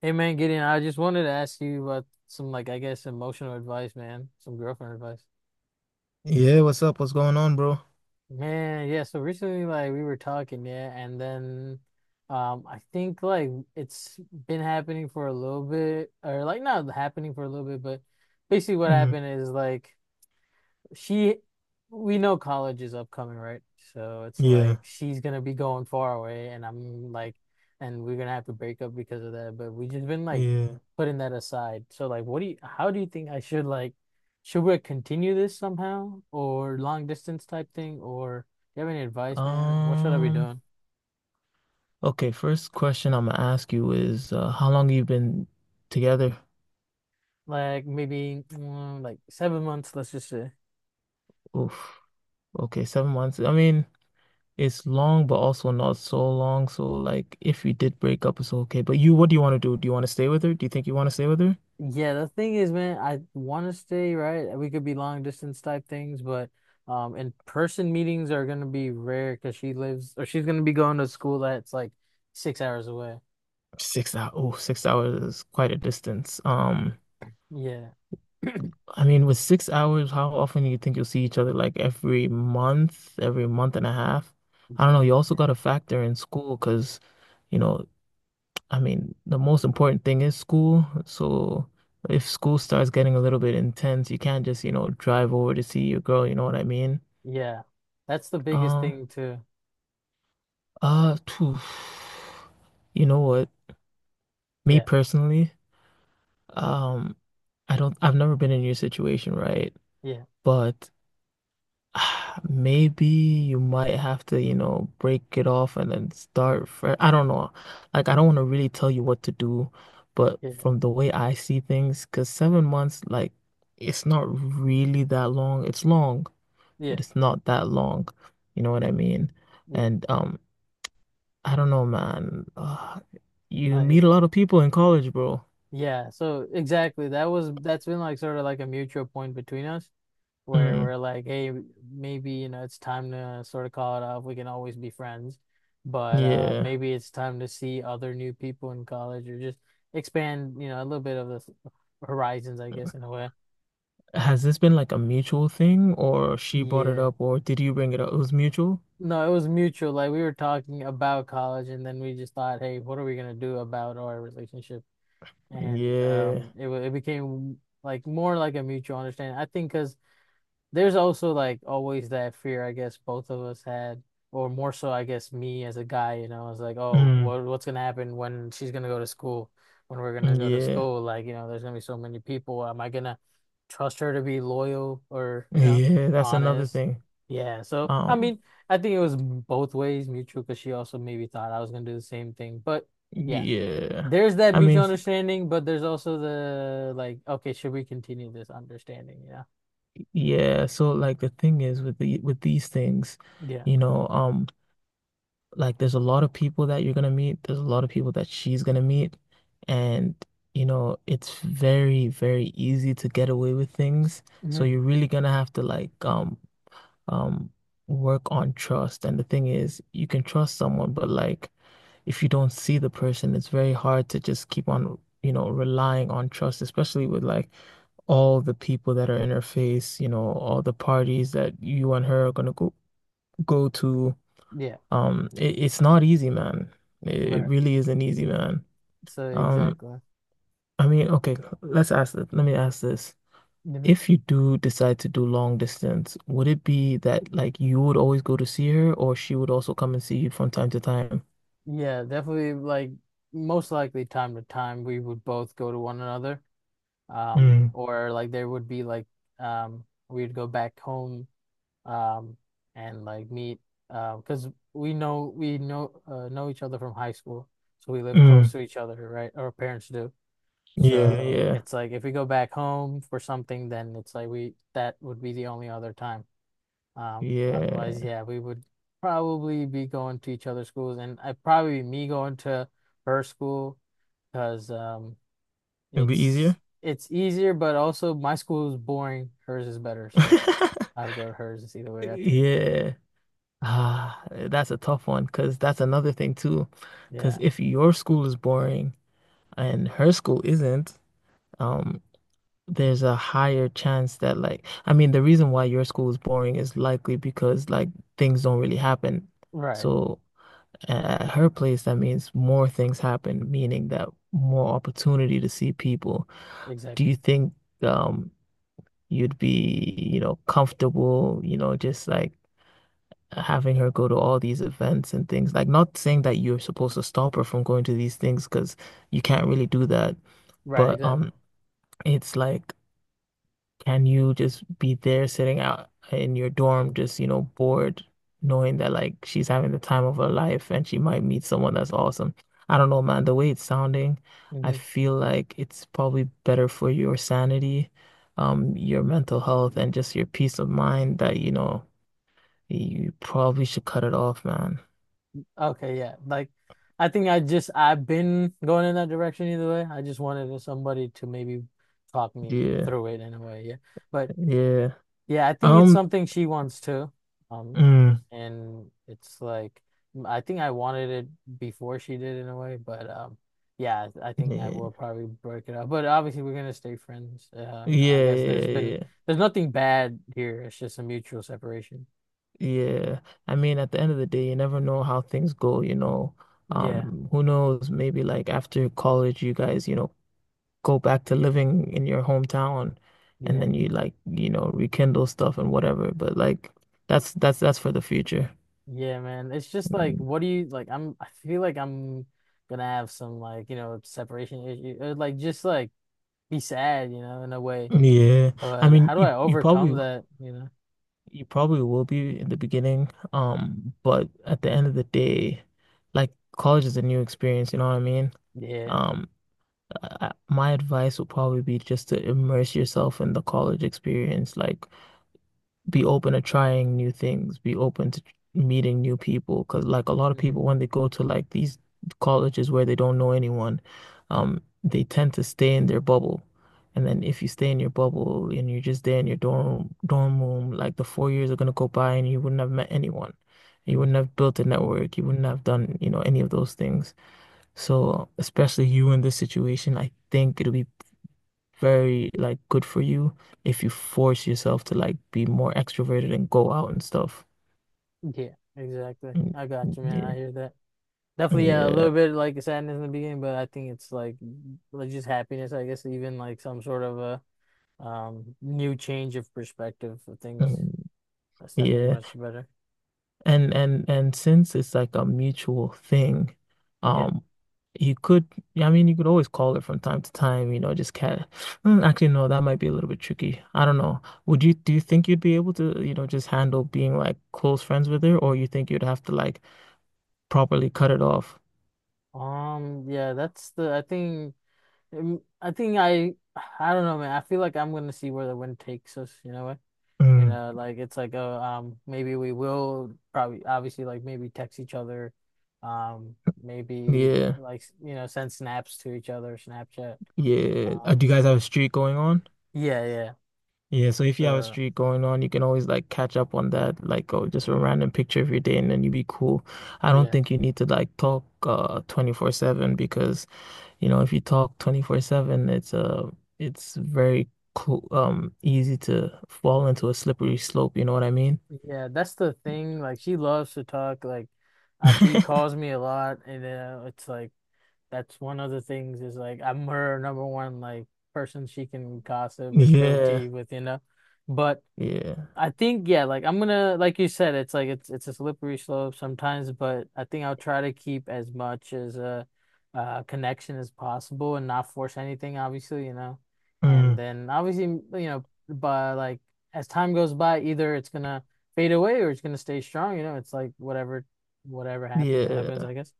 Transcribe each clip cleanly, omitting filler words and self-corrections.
Hey man, Gideon, I just wanted to ask you about some, like, I guess emotional advice, man. Some girlfriend advice. Yeah, what's up? What's going on, bro? Man, yeah, so recently, like, we were talking, yeah, and then I think like it's been happening for a little bit, or like not happening for a little bit, but basically what Mm, happened is like she we know college is upcoming, right? So it's yeah, like she's gonna be going far away, and I'm like, and we're gonna have to break up because of that. But we just been like yeah. putting that aside. So like what do you how do you think I should like, should we continue this somehow, or long distance type thing, or do you have any advice, man? What should I be Um, doing? okay, first question I'm gonna ask you is how long you been together? Like maybe like 7 months, let's just say. Oof. Okay, 7 months. I mean, it's long, but also not so long. So like if you did break up, it's okay. But you, what do you want to do? Do you want to stay with her? Do you think you want to stay with her? Yeah, the thing is, man, I want to stay, right? We could be long distance type things, but in person meetings are gonna be rare because she lives or she's gonna be going to school that's like 6 hours away. 6 hours. Oh, 6 hours is quite a distance. Yeah. I mean, with 6 hours, how often do you think you'll see each other? Like every month and a half? I don't Ye- know. You also yeah, got to factor in school because, you know, I mean, the most important thing is school. So if school starts getting a little bit intense, you can't just, you know, drive over to see your girl. You know what I mean? yeah. That's the biggest Uh, thing too. Phew. You know what? Me Yeah, personally, um, I've never been in your situation, right? yeah, But. Maybe you might have to, you know, break it off and then start fresh. I don't know. Like, I don't want to really tell you what to do, but yeah, from the way I see things, because 7 months, like, it's not really that long. It's long, yeah, but it's not that long. You know what I mean? yeah. And I don't know, man. You Like, meet a lot of people in college, bro. yeah. So exactly, that's been like sort of like a mutual point between us, where Mm, we're like, hey, maybe, you know, it's time to sort of call it off. We can always be friends, but yeah. maybe it's time to see other new people in college, or just expand, you know, a little bit of the horizons, I guess, in a way. Has this been like a mutual thing, or she brought it Yeah. up, or did you bring it up? It was mutual? No, it was mutual. Like we were talking about college and then we just thought, hey, what are we gonna do about our relationship? And Yeah. It became like more like a mutual understanding. I think because there's also like always that fear, I guess both of us had, or more so, I guess me as a guy, you know, I was like, oh, Mm, what's gonna happen when she's gonna go to school, when we're gonna go to yeah. school? Like, you know, there's gonna be so many people. Am I gonna trust her to be loyal, or, you know, Yeah, that's another honest? thing. Yeah. So, I Um, mean, I think it was both ways mutual because she also maybe thought I was gonna do the same thing, but yeah. yeah. There's that I mean, mutual s- understanding, but there's also the, like, okay, should we continue this understanding? Yeah. yeah, so like the thing is with the with these things, Yeah. you know, like there's a lot of people that you're gonna meet, there's a lot of people that she's gonna meet, and you know, it's very, very easy to get away with things. So Mhm. you're really gonna have to um work on trust. And the thing is, you can trust someone, but like if you don't see the person, it's very hard to just keep on, you know, relying on trust, especially with like all the people that are in her face, you know, all the parties that you and her are gonna go to. Yeah, It's not easy, man. It right. really isn't easy, man. So Um, exactly. I mean, okay, let's ask this. Let me ask this. Hmm. If you do decide to do long distance, would it be that like you would always go to see her, or she would also come and see you from time to time? Yeah, definitely like most likely time to time we would both go to one another. Mm, Or like there would be like we'd go back home um and like meet, because we know, know each other from high school. So we live close mm, to each other, right? Our parents do. yeah, So yeah, it's like if we go back home for something, then it's like we that would be the only other time. Yeah. Otherwise, yeah, we would probably be going to each other's schools, and I'd probably be me going to her school because It would be it's easier. it's easier, but also my school is boring. Hers is better, so I would go to hers. It's either way, I think. Yeah. Ah, that's a tough one because that's another thing too. Because Yeah, if your school is boring and her school isn't, um, there's a higher chance that like, I mean, the reason why your school is boring is likely because like things don't really happen. right, So at her place, that means more things happen, meaning that more opportunity to see people. Do exactly, you think um you'd be, you know, comfortable, you know, just like having her go to all these events and things. Like, not saying that you're supposed to stop her from going to these things because you can't really do that. right, But exactly. um, it's like, can you just be there sitting out in your dorm, just, you know, bored, knowing that like she's having the time of her life and she might meet someone that's awesome. I don't know, man. The way it's sounding, I Hmm. feel like it's probably better for your sanity, your mental health, and just your peace of mind that, you know, you probably should cut it off, man. Okay, yeah, like I think I just, I've been going in that direction either way. I just wanted somebody to maybe talk me Yeah, through it in a way, yeah. But yeah. yeah, I think it's Um, something she wants too. Um, mm, and it's like I think I wanted it before she did in a way, but yeah, I think I yeah, will probably break it up. But obviously, we're gonna stay friends. You know, I yeah, guess yeah, yeah, there's nothing bad here. It's just a mutual separation. yeah. I mean, at the end of the day, you never know how things go, you know. Yeah, Who knows? Maybe like after college, you guys, you know, go back to living in your hometown, and yeah, then you like, you know, rekindle stuff and whatever. But like, that's for the future. yeah, man. It's just like, Mm, what do you, like, I'm, I feel like I'm gonna have some like, you know, separation issue, or like just like be sad, you know, in a way. yeah, I But mean, how do you I you overcome probably that, you know? You probably will be in the beginning, but at the end of the day, like college is a new experience, you know what I mean? Yeah. Um, my advice would probably be just to immerse yourself in the college experience. Like, be open to trying new things, be open to meeting new people. Because like a lot of Mm-hmm. people, when they go to like these colleges where they don't know anyone, they tend to stay in their bubble. And then if you stay in your bubble and you're just there in your dorm room, like the 4 years are gonna go by and you wouldn't have met anyone. You wouldn't have built a network. You wouldn't have done, you know, any of those things. So, especially you in this situation, I think it'll be very like good for you if you force yourself to like be more extroverted and go out and stuff. Yeah, exactly. Mm, I got mm, you, man. I yeah. hear that. Definitely, yeah, a Yeah. little bit like sadness in the beginning, but I think it's like, just happiness, I guess, even like some sort of a new change of perspective for things. Mm, That's definitely yeah. much better. And and since it's like a mutual thing, Yeah. um you could I mean you could always call it from time to time, you know, just cat Mm, actually no, that might be a little bit tricky. I don't know. Would you do you think you'd be able to, you know, just handle being like close friends with her or you think you'd have to like properly cut it off? Yeah, that's the, I think um, I think I I don't know, man. I feel like I'm gonna see where the wind takes us, you know what? You know, Mm. like it's like a maybe we will probably obviously, like, maybe text each other, um, maybe Yeah. like, you know, send snaps to each other, Snapchat. Yeah. Um, Do you guys have a streak going on? yeah, yeah, Yeah, so if you have a the streak going on, you can always like catch up on that, like oh, just a random picture of your day and then you be cool. I don't yeah, think you need to like talk 24/7 because, you know, if you talk 24/7, it's very cool easy to fall into a slippery slope, you know what I mean? yeah. That's the thing. Like she loves to talk. Like she calls me a lot, and it's like that's one of the things, is like I'm her number one, like, person she can gossip or spill tea Yeah. with, you know. But Yeah. I think, yeah, like, I'm gonna, like you said, it's like it's a slippery slope sometimes, but I think I'll try to keep as much as a connection as possible and not force anything, obviously, you know. And Mm. then obviously, you know, but like as time goes by, either it's gonna fade away or it's gonna stay strong, you know. It's like whatever happens, it happens, Yeah. I guess.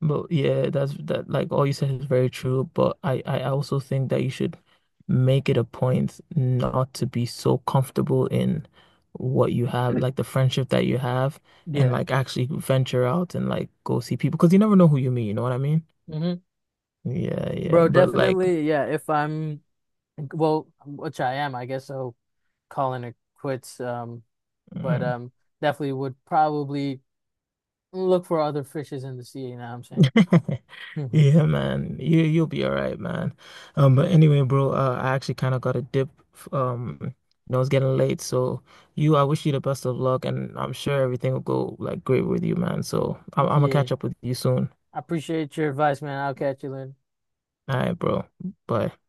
But yeah, that's that like all you said is very true, but I also think that you should make it a point not to be so comfortable in what you have, like the friendship that you have, and Yeah. like actually venture out and like go see people because you never know who you meet, you know what I mean? Hmm. Yeah, yeah. Bro, But like definitely, yeah. If I'm, well, which I am, I guess, so calling it quits. But mm, definitely would probably look for other fishes in the sea. You know what I'm saying? yeah, man. You'll be all right, man. But anyway, bro, I actually kind of got a dip. You know, it's getting late, so I wish you the best of luck, and I'm sure everything will go like great with you, man. So I'm gonna Yeah, catch up with you soon. I appreciate your advice, man. I'll catch you later. All right, bro. Bye.